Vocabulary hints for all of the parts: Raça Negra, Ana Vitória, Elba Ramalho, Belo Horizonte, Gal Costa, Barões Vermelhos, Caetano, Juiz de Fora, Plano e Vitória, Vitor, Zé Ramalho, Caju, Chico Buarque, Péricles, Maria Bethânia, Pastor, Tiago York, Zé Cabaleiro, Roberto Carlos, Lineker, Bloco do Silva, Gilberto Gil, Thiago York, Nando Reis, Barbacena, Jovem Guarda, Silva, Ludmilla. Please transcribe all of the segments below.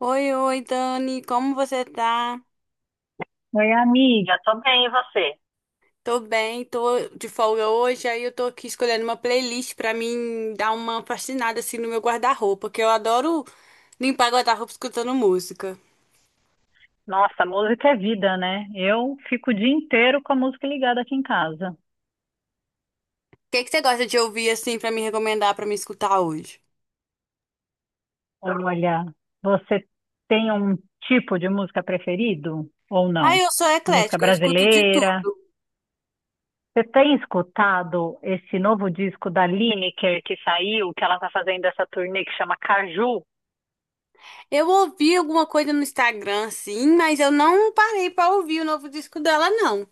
Oi, oi, Dani, como você tá? Oi, amiga, tô bem, e você? Tô bem, tô de folga hoje, aí eu tô aqui escolhendo uma playlist pra mim dar uma faxinada assim no meu guarda-roupa, que eu adoro limpar guarda-roupa escutando música. O Nossa, música é vida, né? Eu fico o dia inteiro com a música ligada aqui em casa. que que você gosta de ouvir assim pra me recomendar pra me escutar hoje? Olha, você tem um tipo de música preferido ou Ah, não? eu sou Música eclética, eu escuto de tudo. brasileira? Você tem escutado esse novo disco da Lineker que saiu, que ela tá fazendo essa turnê que chama Caju? Eu ouvi alguma coisa no Instagram, sim, mas eu não parei pra ouvir o novo disco dela, não.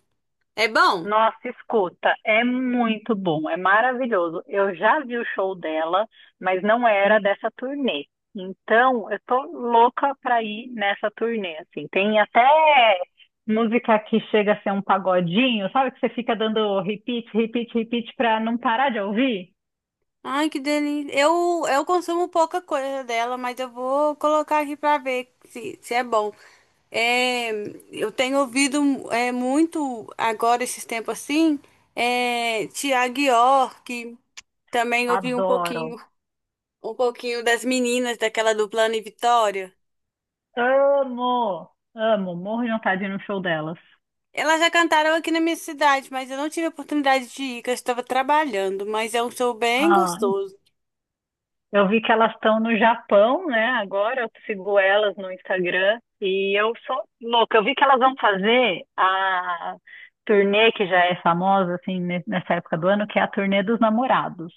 É bom? Nossa, escuta, é muito bom, é maravilhoso. Eu já vi o show dela, mas não era dessa turnê. Então, eu tô louca pra ir nessa turnê, assim. Tem até música que chega a ser um pagodinho, sabe? Que você fica dando repeat, repeat, repeat pra não parar de ouvir? Ai, que delícia. Eu consumo pouca coisa dela, mas eu vou colocar aqui pra ver se é bom. É, eu tenho ouvido muito agora, esses tempos assim, Tiago York, também ouvi Adoro. um pouquinho das meninas daquela do Plano e Vitória. Amo, amo. Morro de vontade de ir no show delas. Elas já cantaram aqui na minha cidade, mas eu não tive a oportunidade de ir, que eu estava trabalhando, mas é um show bem gostoso. Eu vi que elas estão no Japão, né? Agora eu sigo elas no Instagram e eu sou louca. Eu vi que elas vão fazer a turnê que já é famosa assim nessa época do ano, que é a turnê dos namorados.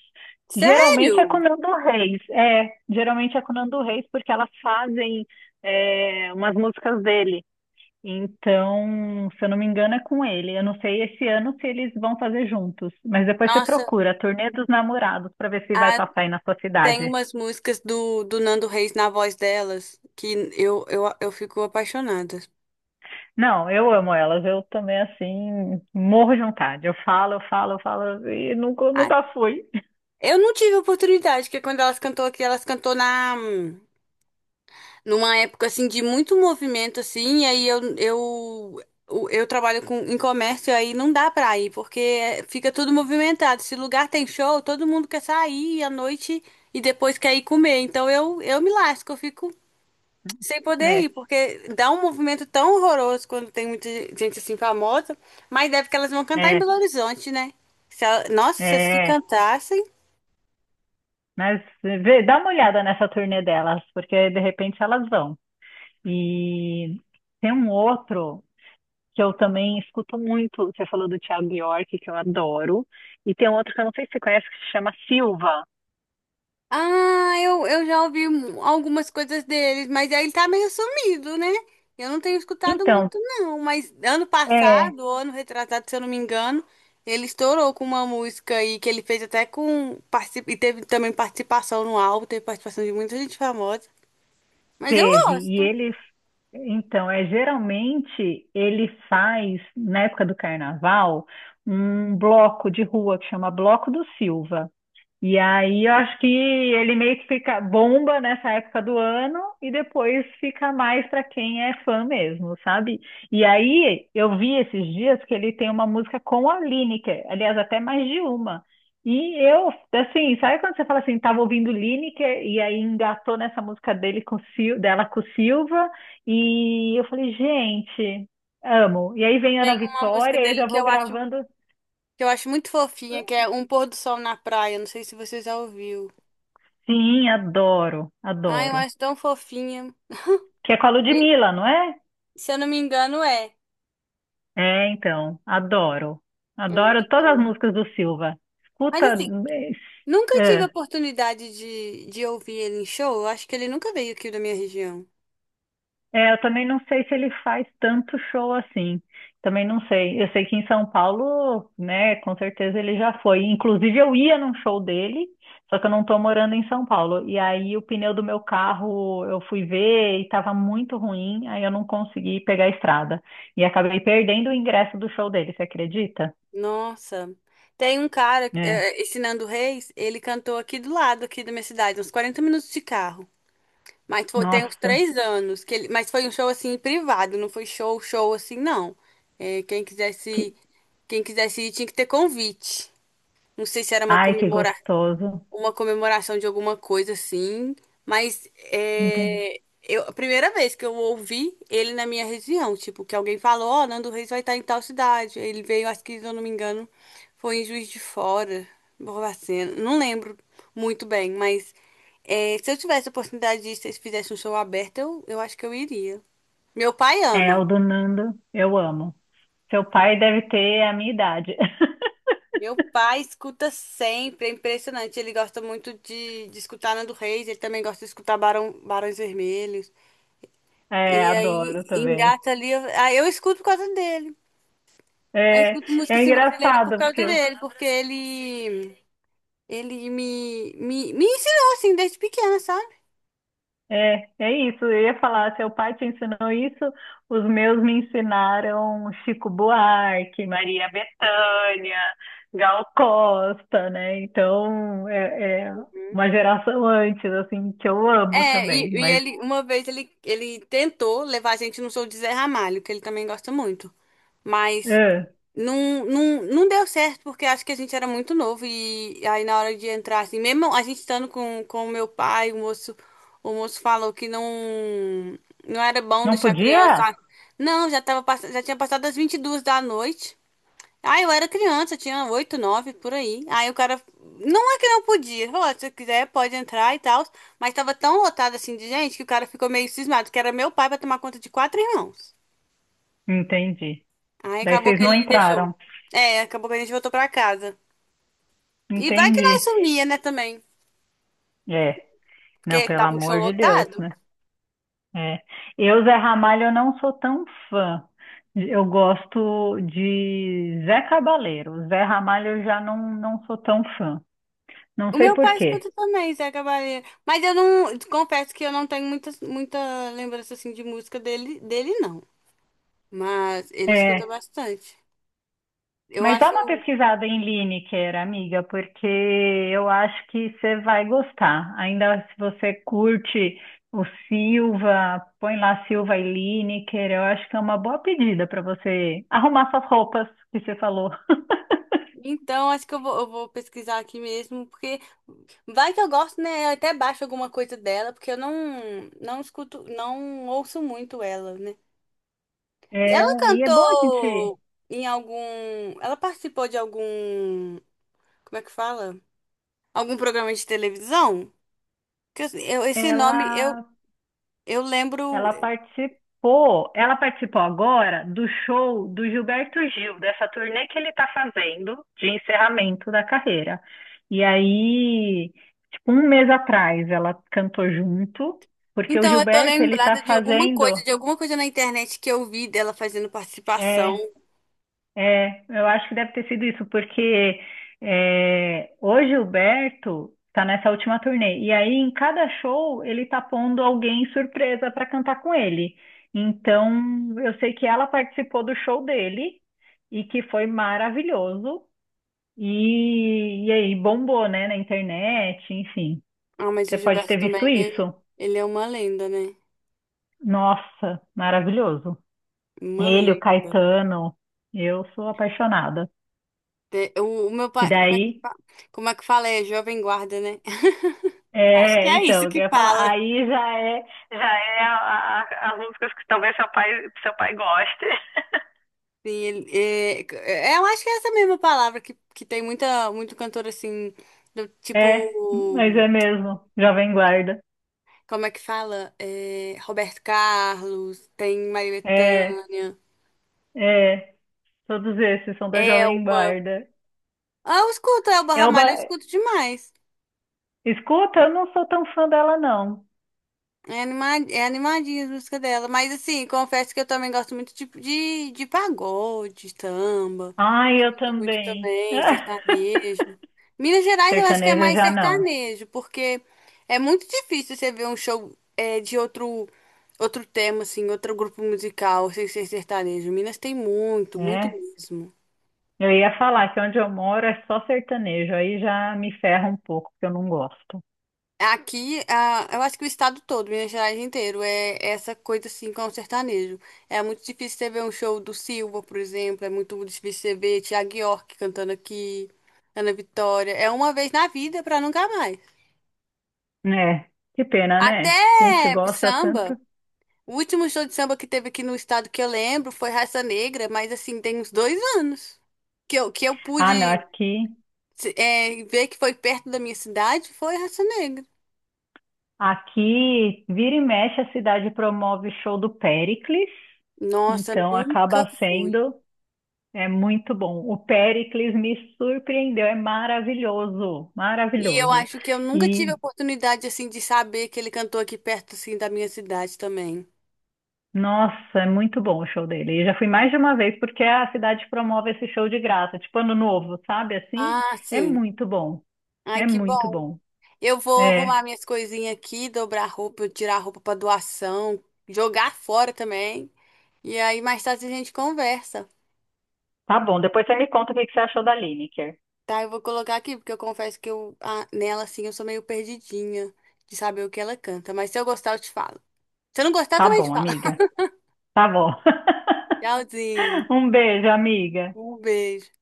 Geralmente é com o Sério? Nando Reis, geralmente é com o Nando Reis porque elas fazem umas músicas dele. Então, se eu não me engano, é com ele. Eu não sei esse ano se eles vão fazer juntos, mas depois você Nossa, procura a turnê dos namorados para ver se vai passar aí na sua tem cidade. umas músicas do Nando Reis na voz delas que eu fico apaixonada. Não, eu amo elas. Eu também, assim, morro de vontade. Eu falo e Ah, nunca fui, eu não tive oportunidade, porque quando elas cantou aqui, elas cantou na numa época assim de muito movimento assim, e aí eu trabalho com em comércio, aí não dá pra ir, porque fica tudo movimentado. Se lugar tem show, todo mundo quer sair à noite e depois quer ir comer. Então eu me lasco, eu fico sem poder ir, né? porque dá um movimento tão horroroso quando tem muita gente assim famosa, mas deve que elas vão cantar em É, Belo Horizonte, né? Se ela- Nossa, se é. cantassem. Mas vê, dá uma olhada nessa turnê delas, porque de repente elas vão. E tem um outro que eu também escuto muito. Você falou do Thiago York, que eu adoro. E tem um outro que eu não sei se você conhece, que se chama Silva. Ah, eu já ouvi algumas coisas deles, mas ele tá meio sumido, né? Eu não tenho escutado Então, muito, não. Mas ano é. passado, ou ano retrasado, se eu não me engano, ele estourou com uma música aí que ele fez até E teve também participação no álbum, teve participação de muita gente famosa. Mas eu Teve, e gosto. ele, então, é geralmente ele faz, na época do carnaval, um bloco de rua que chama Bloco do Silva. E aí eu acho que ele meio que fica bomba nessa época do ano e depois fica mais para quem é fã mesmo, sabe? E aí eu vi esses dias que ele tem uma música com a Lineker, aliás, até mais de uma. E eu, assim, sabe quando você fala assim, tava ouvindo Lineker e aí engatou nessa música dele com o dela com o Silva e eu falei, gente, amo. E aí vem Ana Uma Vitória música e eu dele já que vou eu acho gravando. que eu acho muito fofinha, que é Um Pôr do Sol na Praia. Não sei se você já ouviu. Sim, adoro, Ai, eu adoro. acho tão fofinha. Que é com a E, Ludmilla, não é? se eu não me engano, é. É, então, adoro. É muito Adoro todas as bom. músicas do Silva. Mas Escuta, assim, nunca tive a é, oportunidade de ouvir ele em show. Eu acho que ele nunca veio aqui da minha região. Eu também não sei se ele faz tanto show assim. Também não sei. Eu sei que em São Paulo, né, com certeza ele já foi. Inclusive eu ia num show dele, só que eu não tô morando em São Paulo. E aí o pneu do meu carro eu fui ver e tava muito ruim, aí eu não consegui pegar a estrada. E acabei perdendo o ingresso do show dele, você acredita? Nossa. Tem um cara, É, esse Nando Reis, ele cantou aqui do lado, aqui da minha cidade, uns 40 minutos de carro. Mas foi, tem uns nossa. 3 anos que ele, mas foi um show assim privado, não foi show, show assim, não. É, quem quisesse, Que... quem quisesse ir tinha que ter convite. Não sei se era uma Ai, que gostoso. uma comemoração de alguma coisa assim, mas Entendi. A primeira vez que eu ouvi ele na minha região, tipo, que alguém falou, ó, Nando Reis vai estar em tal cidade. Ele veio, acho que, se eu não me engano, foi em Juiz de Fora, Barbacena, não lembro muito bem, mas se eu tivesse a oportunidade de ir, se eles fizessem um show aberto, eu acho que eu iria. Meu pai É, ama. o do Nando, eu amo. Seu pai deve ter a minha idade. Meu pai escuta sempre, é impressionante. Ele gosta muito de escutar Nando Reis, ele também gosta de escutar Barão, Barões Vermelhos. E É, aí adoro também. engata ali. Aí eu escuto por causa dele. Eu É, escuto música é assim, brasileira por engraçado, causa porque dele, porque ele me ensinou assim desde pequena, sabe? Eu ia falar, seu pai te ensinou isso, os meus me ensinaram Chico Buarque, Maria Bethânia, Gal Costa, né? Então, é uma geração antes, assim, que eu amo e, também. e Mas, ele, uma vez ele, ele tentou levar a gente no show de Zé Ramalho, que ele também gosta muito. Mas é, não, não, não deu certo, porque acho que a gente era muito novo. E aí na hora de entrar, assim, mesmo a gente estando com o meu pai, o moço falou que não, não era bom não deixar a podia? criança. Não, já tava, já tinha passado das 22h da noite. Ah, eu era criança, eu tinha 8, 9, por aí. Aí o cara, não é que não podia, falou, "Ó, se você quiser pode entrar e tal, mas tava tão lotado assim de gente que o cara ficou meio cismado, que era meu pai pra tomar conta de quatro irmãos. Entendi. Aí Daí acabou vocês que não ele deixou. entraram. É, acabou que a gente voltou pra casa. E vai que nós Entendi. sumia, né, também, É, não, porque pelo tava um show amor de Deus, lotado. né? É. Eu, Zé Ramalho, eu não sou tão fã. Eu gosto de Zé Cabaleiro. Zé Ramalho eu já não, não sou tão fã. Não O sei meu por pai escuta quê. também, Zé Cabaleiro. Mas eu não, confesso que eu não tenho muita, muita lembrança assim de música dele, dele não. Mas ele escuta É, bastante. Eu mas dá acho. uma pesquisada em Lineker, amiga, porque eu acho que você vai gostar. Ainda se você curte o Silva, põe lá Silva e Lineker, eu acho que é uma boa pedida para você arrumar suas roupas que você falou. Então, acho que eu vou pesquisar aqui mesmo, porque vai que eu gosto, né? Eu até baixo alguma coisa dela, porque eu não, não escuto, não ouço muito ela, né? E É, ela e é bom a gente. cantou em algum. Ela participou de algum. Como é que fala? Algum programa de televisão? Que eu- eu- esse nome eu, Ela eu lembro. Ela participou agora do show do Gilberto Gil, dessa turnê que ele está fazendo de encerramento da carreira. E aí, tipo, um mês atrás, ela cantou junto, porque o Então, eu tô Gilberto, ele tá lembrada de alguma coisa, fazendo. de alguma coisa na internet que eu vi dela fazendo participação. é, É, eu acho que deve ter sido isso, porque o Gilberto tá nessa última turnê. E aí, em cada show, ele tá pondo alguém surpresa para cantar com ele. Então, eu sei que ela participou do show dele e que foi maravilhoso. E aí, bombou, né, na internet, enfim. Ah, mas o Você pode Gilberto ter visto também, isso. ele é uma lenda, né? Nossa, maravilhoso. Uma Ele, o lenda. Caetano, eu sou apaixonada. O meu Que pai, daí. Como é que fala? É Jovem Guarda, né? Acho que É, é então, isso eu que ia falar, fala. aí já é as músicas que talvez seu pai goste. Sim, eu acho que é essa mesma palavra que tem muita, muito cantor assim, do tipo, É, mas é mesmo, Jovem Guarda. como é que fala? É, Roberto Carlos, tem Maria É, Bethânia, é, todos esses são da Jovem Elba. Guarda. Ah, eu escuto Elba Ramalho, eu Elba, escuto demais. escuta, eu não sou tão fã dela, não. É animadinha as músicas dela. Mas assim, confesso que eu também gosto muito tipo de pagode, de samba. Ai, eu Muito também. também, sertanejo. Minas Gerais eu acho que é Sertanejo mais já não, sertanejo, porque é muito difícil você ver um show de outro tema, assim, outro grupo musical sem ser sertanejo. Minas tem muito, muito né? mesmo. Eu ia falar que onde eu moro é só sertanejo, aí já me ferra um pouco, porque eu não gosto. Aqui, ah, eu acho que o estado todo, Minas Gerais inteiro, é essa coisa assim com o sertanejo. É muito difícil você ver um show do Silva, por exemplo, é muito difícil você ver Tiago York cantando aqui, Ana Vitória. É uma vez na vida pra nunca mais. É, que pena, Até né? A gente gosta tanto. samba. O último show de samba que teve aqui no estado que eu lembro foi Raça Negra, mas assim, tem uns 2 anos que eu Ah, não, pude aqui, ver que foi perto da minha cidade, foi Raça Negra. aqui vira e mexe a cidade promove show do Péricles, Nossa, então nunca acaba fui. sendo é muito bom. O Péricles me surpreendeu, é maravilhoso, E eu maravilhoso. acho que eu nunca tive a E oportunidade assim de saber que ele cantou aqui perto assim da minha cidade também. nossa, é muito bom o show dele. Eu já fui mais de uma vez porque a cidade promove esse show de graça, tipo ano novo, sabe? Assim, Ah, é sim. muito bom, Ai, é que bom. muito bom. Eu vou É, arrumar minhas coisinhas aqui, dobrar roupa, tirar roupa para doação, jogar fora também. E aí mais tarde a gente conversa, tá bom, depois você me conta o que que você achou da Lineker. tá? Eu vou colocar aqui, porque eu confesso que nela, assim, eu sou meio perdidinha de saber o que ela canta. Mas se eu gostar, eu te falo. Se eu não gostar, Tá também te bom, falo. amiga. Tá bom. Tchauzinho. Um beijo, amiga. Um beijo.